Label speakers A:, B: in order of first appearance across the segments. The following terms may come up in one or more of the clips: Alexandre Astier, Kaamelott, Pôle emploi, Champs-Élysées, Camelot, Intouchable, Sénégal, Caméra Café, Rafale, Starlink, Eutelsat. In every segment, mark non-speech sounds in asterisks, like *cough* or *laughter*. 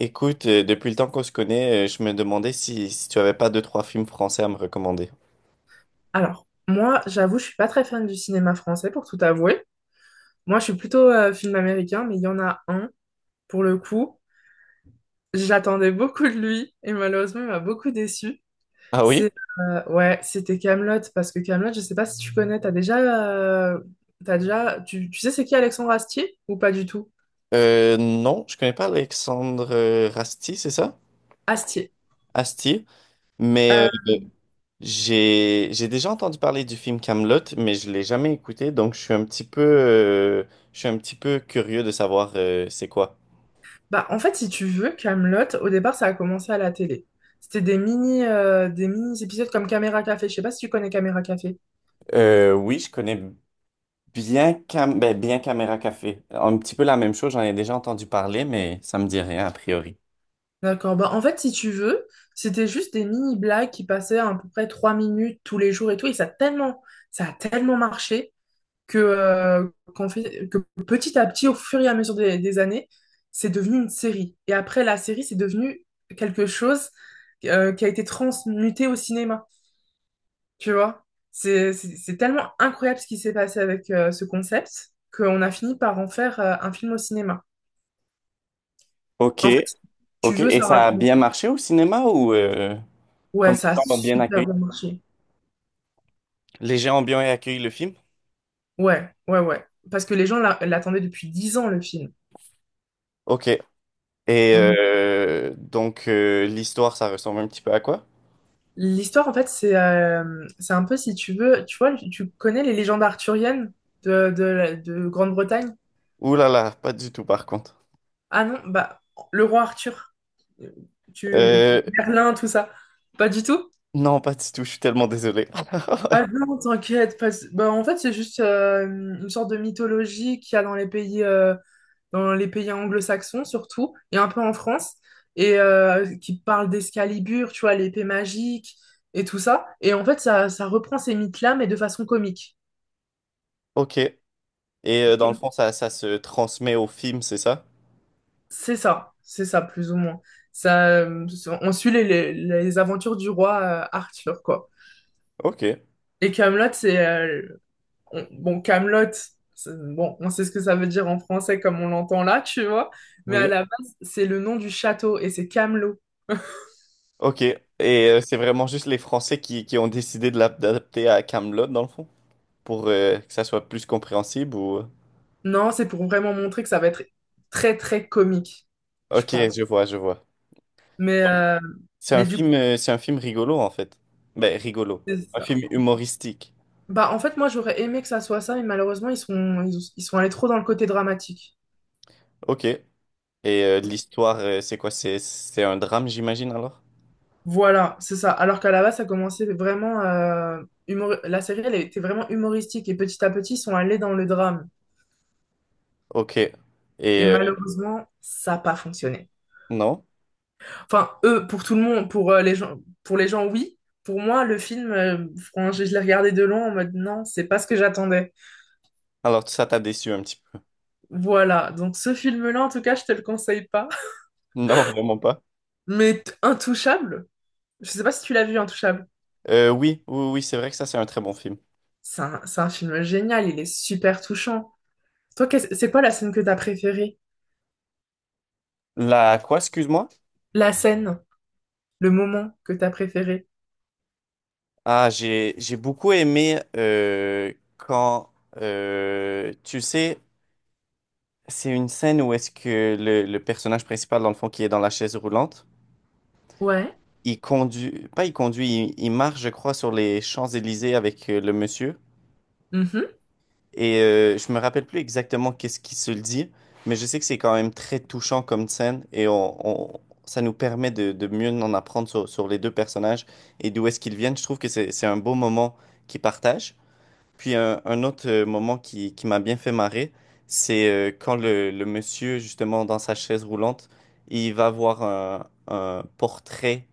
A: Écoute, depuis le temps qu'on se connaît, je me demandais si tu avais pas deux, trois films français à me recommander.
B: Alors, moi, j'avoue, je suis pas très fan du cinéma français, pour tout avouer. Moi, je suis plutôt film américain, mais il y en a un, pour le coup. J'attendais beaucoup de lui, et malheureusement, il m'a beaucoup déçu.
A: Ah oui?
B: C'est, ouais, c'était Camelot parce que Camelot, je sais pas si tu connais, euh, t'as déjà, tu sais c'est qui Alexandre Astier, ou pas du tout?
A: Non, je connais pas Alexandre Rasti, c'est ça?
B: Astier.
A: Astier. Mais
B: Euh,
A: j'ai déjà entendu parler du film Kaamelott, mais je l'ai jamais écouté, donc je suis un petit peu je suis un petit peu curieux de savoir c'est quoi.
B: Bah, en fait, si tu veux, Camelot, au départ, ça a commencé à la télé. C'était des mini épisodes comme Caméra Café. Je sais pas si tu connais Caméra Café.
A: Oui, je connais bien bien Caméra Café. Un petit peu la même chose, j'en ai déjà entendu parler, mais ça me dit rien a priori.
B: D'accord. Bah, en fait, si tu veux, c'était juste des mini-blagues qui passaient à peu près 3 minutes tous les jours et tout. Ça a tellement marché que, euh, que petit à petit, au fur et à mesure des années, c'est devenu une série. Et après, la série, c'est devenu quelque chose qui a été transmuté au cinéma. Tu vois? C'est tellement incroyable ce qui s'est passé avec ce concept qu'on a fini par en faire un film au cinéma.
A: Ok,
B: En fait, si tu
A: ok.
B: veux,
A: Et
B: ça
A: ça a
B: raconte.
A: bien marché au cinéma ou
B: Ouais,
A: comme les
B: ça a
A: gens l'ont bien
B: super
A: accueilli?
B: bien marché.
A: Les gens ont bien accueilli le film?
B: Ouais, ouais, ouais. Parce que les gens l'attendaient depuis 10 ans, le film.
A: Ok. Et
B: Donc,
A: donc l'histoire, ça ressemble un petit peu à quoi?
B: l'histoire, en fait, c'est un peu, si tu veux, tu vois, tu connais les légendes arthuriennes de Grande-Bretagne?
A: Ouh là là, pas du tout par contre.
B: Ah non, bah, le roi Arthur. Euh, Tu...
A: Euh,
B: Merlin, tout ça. Pas du tout?
A: non, pas du tout, je suis tellement désolé.
B: Ah
A: *laughs*
B: non, t'inquiète. Bah, en fait, c'est juste une sorte de mythologie qu'il y a dans les pays anglo-saxons surtout, et un peu en France, et qui parle d'Excalibur, tu vois, l'épée magique et tout ça. Et en fait, ça reprend ces mythes-là, mais de façon comique.
A: Ok. Et dans le fond, ça se transmet au film, c'est ça?
B: C'est ça, plus ou moins. Ça, euh, on suit les aventures du roi Arthur, quoi.
A: Ok.
B: Et Camelot, bon, Camelot. Bon, on sait ce que ça veut dire en français comme on l'entend là, tu vois. Mais à
A: Oui.
B: la base, c'est le nom du château, et c'est Camelot.
A: Ok. Et c'est vraiment juste les Français qui ont décidé de l'adapter à Camelot, dans le fond, pour que ça soit plus compréhensible ou...
B: Non, c'est pour vraiment montrer que ça va être très très comique, je
A: Ok,
B: pense.
A: je vois, je vois.
B: Mais, euh, mais du coup,
A: C'est un film rigolo en fait. Ben, rigolo.
B: c'est
A: Un
B: ça.
A: film humoristique.
B: Bah, en fait, moi, j'aurais aimé que ça soit ça, mais malheureusement, ils sont allés trop dans le côté dramatique.
A: Ok. Et l'histoire, c'est quoi? C'est un drame, j'imagine alors?
B: Voilà, c'est ça. Alors qu'à la base, ça commençait vraiment... humor- La série, elle était vraiment humoristique et petit à petit, ils sont allés dans le drame.
A: Ok. Et
B: Et
A: euh,
B: malheureusement, ça n'a pas fonctionné.
A: non?
B: Enfin, eux, pour tout le monde, pour les gens, oui. Pour moi, franchement, je l'ai regardé de loin en mode non, c'est pas ce que j'attendais.
A: Alors ça t'a déçu un petit peu. *laughs*
B: Voilà, donc ce film-là, en tout cas, je te le conseille pas.
A: Non, vraiment pas.
B: Intouchable, je sais pas si tu l'as vu, Intouchable.
A: Oui, oui, oui, c'est vrai que ça, c'est un très bon film.
B: C'est un film génial, il est super touchant. Toi, c'est quoi la scène que t'as préférée?
A: La quoi, excuse-moi?
B: La scène, le moment que t'as préféré?
A: Ah, j'ai beaucoup aimé quand, tu sais, c'est une scène où est-ce que le personnage principal, dans le fond, qui est dans la chaise roulante.
B: Ouais.
A: Il conduit, pas il conduit, il marche, je crois, sur les Champs-Élysées avec le monsieur.
B: Mhm.
A: Et je me rappelle plus exactement qu'est-ce qu'il se dit, mais je sais que c'est quand même très touchant comme scène et ça nous permet de mieux en apprendre sur les deux personnages et d'où est-ce qu'ils viennent. Je trouve que c'est un beau moment qu'ils partagent. Puis un autre moment qui m'a bien fait marrer, c'est quand le monsieur, justement, dans sa chaise roulante, il va voir un portrait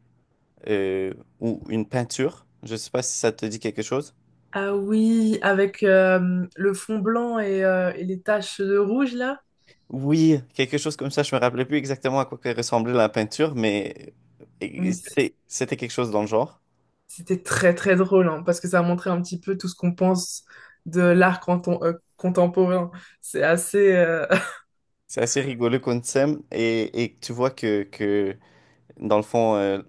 A: euh, ou une peinture. Je ne sais pas si ça te dit quelque chose.
B: Ah oui, avec le fond blanc et et les taches de rouge, là.
A: Oui, quelque chose comme ça. Je me rappelais plus exactement à quoi que ressemblait la peinture, mais et
B: Oui, c-
A: c'était quelque chose dans le genre.
B: C'était très très drôle, hein, parce que ça montrait un petit peu tout ce qu'on pense contemporain. C'est assez... euh,
A: C'est assez rigolo qu'on s'aime et tu vois que dans le fond,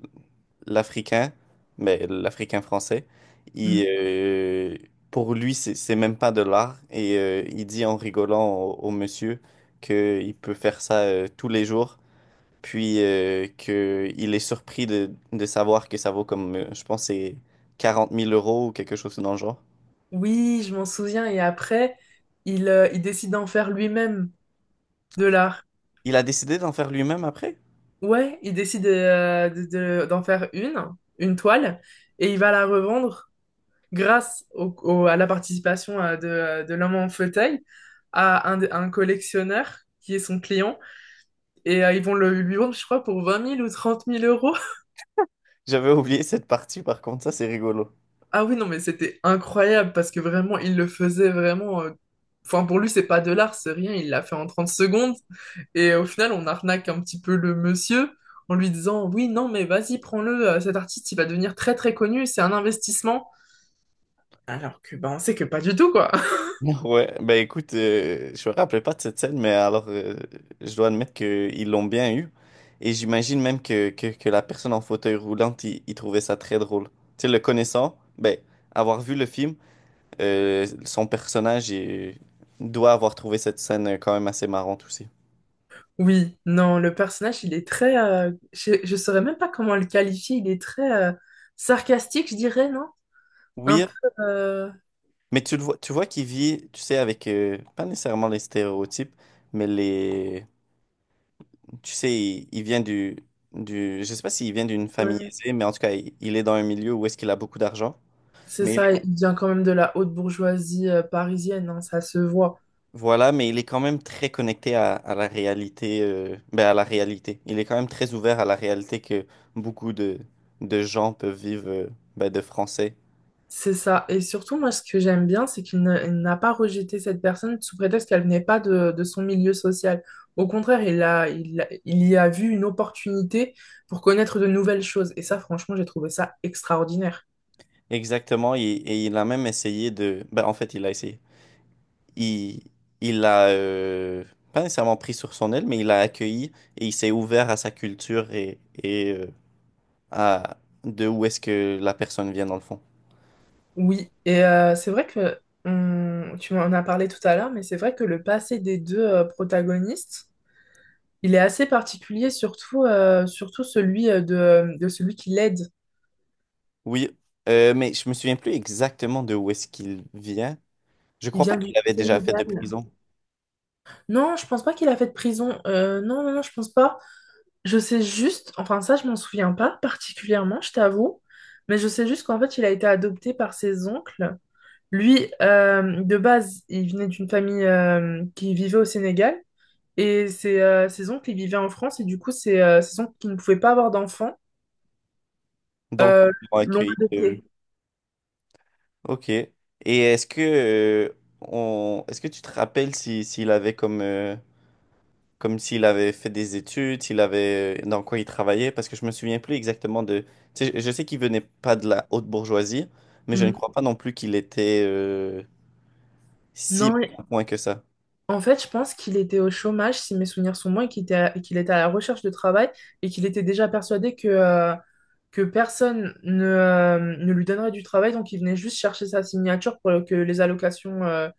A: l'Africain, mais l'Africain français, il,
B: *laughs*
A: euh, pour lui, c'est même pas de l'art et il dit en rigolant au monsieur qu'il peut faire ça tous les jours. Puis que il est surpris de savoir que ça vaut comme, je pense, c'est 40 000 € ou quelque chose dans le genre.
B: Oui, je m'en souviens. Et après, il décide d'en faire lui-même de l'art.
A: Il a décidé d'en faire lui-même après?
B: Ouais, il décide d'en faire une toile, et il va la revendre grâce à la participation de l'homme en fauteuil à un collectionneur qui est son client. Et ils vont lui vendre, je crois, pour 20 000 ou 30 000 euros.
A: J'avais oublié cette partie, par contre, ça c'est rigolo.
B: Ah oui, non, mais c'était incroyable parce que vraiment, il le faisait vraiment. Enfin, pour lui, c'est pas de l'art, c'est rien. Il l'a fait en 30 secondes. Et au final, on arnaque un petit peu le monsieur en lui disant, oui, non, mais vas-y, prends-le. Cet artiste, il va devenir très, très connu. C'est un investissement. Alors que, ben on sait que pas du tout, quoi. *laughs*
A: *laughs* Ouais, ben écoute, je me rappelais pas de cette scène, mais alors je dois admettre qu'ils l'ont bien eu. Et j'imagine même que la personne en fauteuil roulant, il trouvait ça très drôle. Tu sais, le connaissant, ben, avoir vu le film, son personnage il doit avoir trouvé cette scène quand même assez marrante aussi.
B: Oui, non, le personnage, il est très. Je saurais même pas comment le qualifier. Il est très sarcastique, je dirais, non? Un
A: Oui,
B: peu. euh,
A: mais tu le vois, tu vois qu'il vit, tu sais, avec pas nécessairement les stéréotypes, mais les, tu sais, il vient du je sais pas s'il vient d'une famille
B: ouais.
A: aisée, mais en tout cas, il est dans un milieu où est-ce qu'il a beaucoup d'argent.
B: C'est
A: Mais il-
B: ça, il vient quand même de la haute bourgeoisie parisienne, hein, ça se voit.
A: voilà, mais il est quand même très connecté à la réalité, ben à la réalité. Il est quand même très ouvert à la réalité que beaucoup de gens peuvent vivre, ben, de français.
B: C'est ça. Et surtout, moi, ce que j'aime bien, c'est qu'il ne- il n'a pas rejeté cette personne sous prétexte qu'elle venait pas de son milieu social. Au contraire, il y a vu une opportunité pour connaître de nouvelles choses. Et ça, franchement, j'ai trouvé ça extraordinaire.
A: Exactement, et il a même essayé de, ben en fait, il a essayé. il, il a, pas nécessairement pris sur son aile, mais il a accueilli et il s'est ouvert à sa culture et à de où est-ce que la personne vient dans le fond.
B: Oui, et c'est vrai que tu en as parlé tout à l'heure, mais c'est vrai que le passé des deux protagonistes, il est assez particulier, surtout, surtout celui de celui qui l'aide.
A: Oui, mais je me souviens plus exactement de où est-ce qu'il vient. Je
B: Il
A: crois pas
B: vient du
A: qu'il l'avait déjà fait de
B: Sénégal.
A: prison.
B: Non, je pense pas qu'il a fait de prison. Non, non, non, je pense pas. Je sais juste, enfin ça, je m'en souviens pas particulièrement, je t'avoue, mais je sais juste qu'en fait, il a été adopté par ses oncles. Lui, de base, il venait d'une famille qui vivait au Sénégal et ses oncles, ils vivaient en France et du coup, ses oncles qui ne pouvaient pas avoir d'enfants
A: Donc,
B: euh,
A: ils l'ont
B: l'ont
A: accueilli.
B: adopté.
A: Ok. Et est-ce que, est-ce que tu te rappelles si, s'il avait comme comme s'il avait fait des études, s'il avait dans quoi il travaillait, parce que je me souviens plus exactement de. Tu sais, je sais qu'il venait pas de la haute bourgeoisie, mais je ne
B: Hmm.
A: crois pas non plus qu'il était si mal
B: Non,
A: à point que ça.
B: en fait, je pense qu'il était au chômage, si mes souvenirs sont bons, et qu'il était à la recherche de travail et qu'il était déjà persuadé que personne ne, ne lui donnerait du travail. Donc, il venait juste chercher sa signature pour que les allocations euh,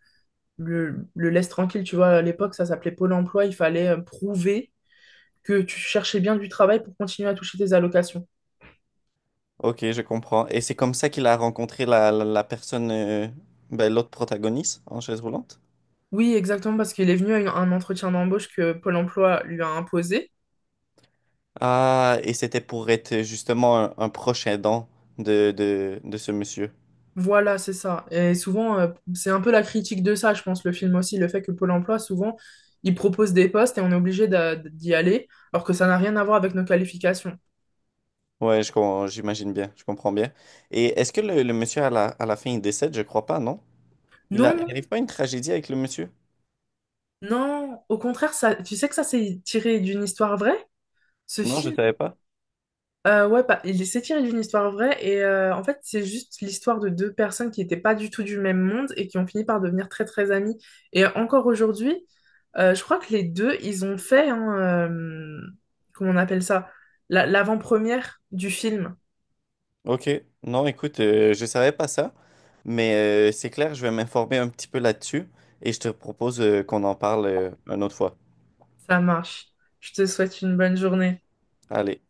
B: le, le laissent tranquille. Tu vois, à l'époque, ça s'appelait Pôle emploi. Il fallait prouver que tu cherchais bien du travail pour continuer à toucher tes allocations.
A: Ok, je comprends. Et c'est comme ça qu'il a rencontré la personne, ben, l'autre protagoniste en chaise roulante.
B: Oui, exactement, parce qu'il est venu à un entretien d'embauche que Pôle emploi lui a imposé.
A: Ah, et c'était pour être justement un proche aidant de ce monsieur.
B: Voilà, c'est ça. Et souvent, c'est un peu la critique de ça, je pense, le film aussi, le fait que Pôle emploi, souvent, il propose des postes et on est obligé d'y aller, alors que ça n'a rien à voir avec nos qualifications.
A: Ouais, j'imagine bien, je comprends bien. Et est-ce que le monsieur à à la fin il décède? Je crois pas, non? Il
B: Non,
A: a, il
B: non,
A: arrive pas une tragédie avec le monsieur?
B: non, au contraire, ça, tu sais que ça, c'est tiré d'une histoire vraie? Ce
A: Non, je
B: film,
A: savais pas.
B: euh, ouais, bah, il s'est tiré d'une histoire vraie et en fait c'est juste l'histoire de deux personnes qui n'étaient pas du tout du même monde et qui ont fini par devenir très très amies. Et encore aujourd'hui, je crois que les deux, ils ont fait, hein, comment on appelle ça, l'avant-première du film.
A: Ok, non, écoute, je savais pas ça, mais c'est clair, je vais m'informer un petit peu là-dessus et je te propose qu'on en parle une autre fois.
B: Ça marche. Je te souhaite une bonne journée.
A: Allez.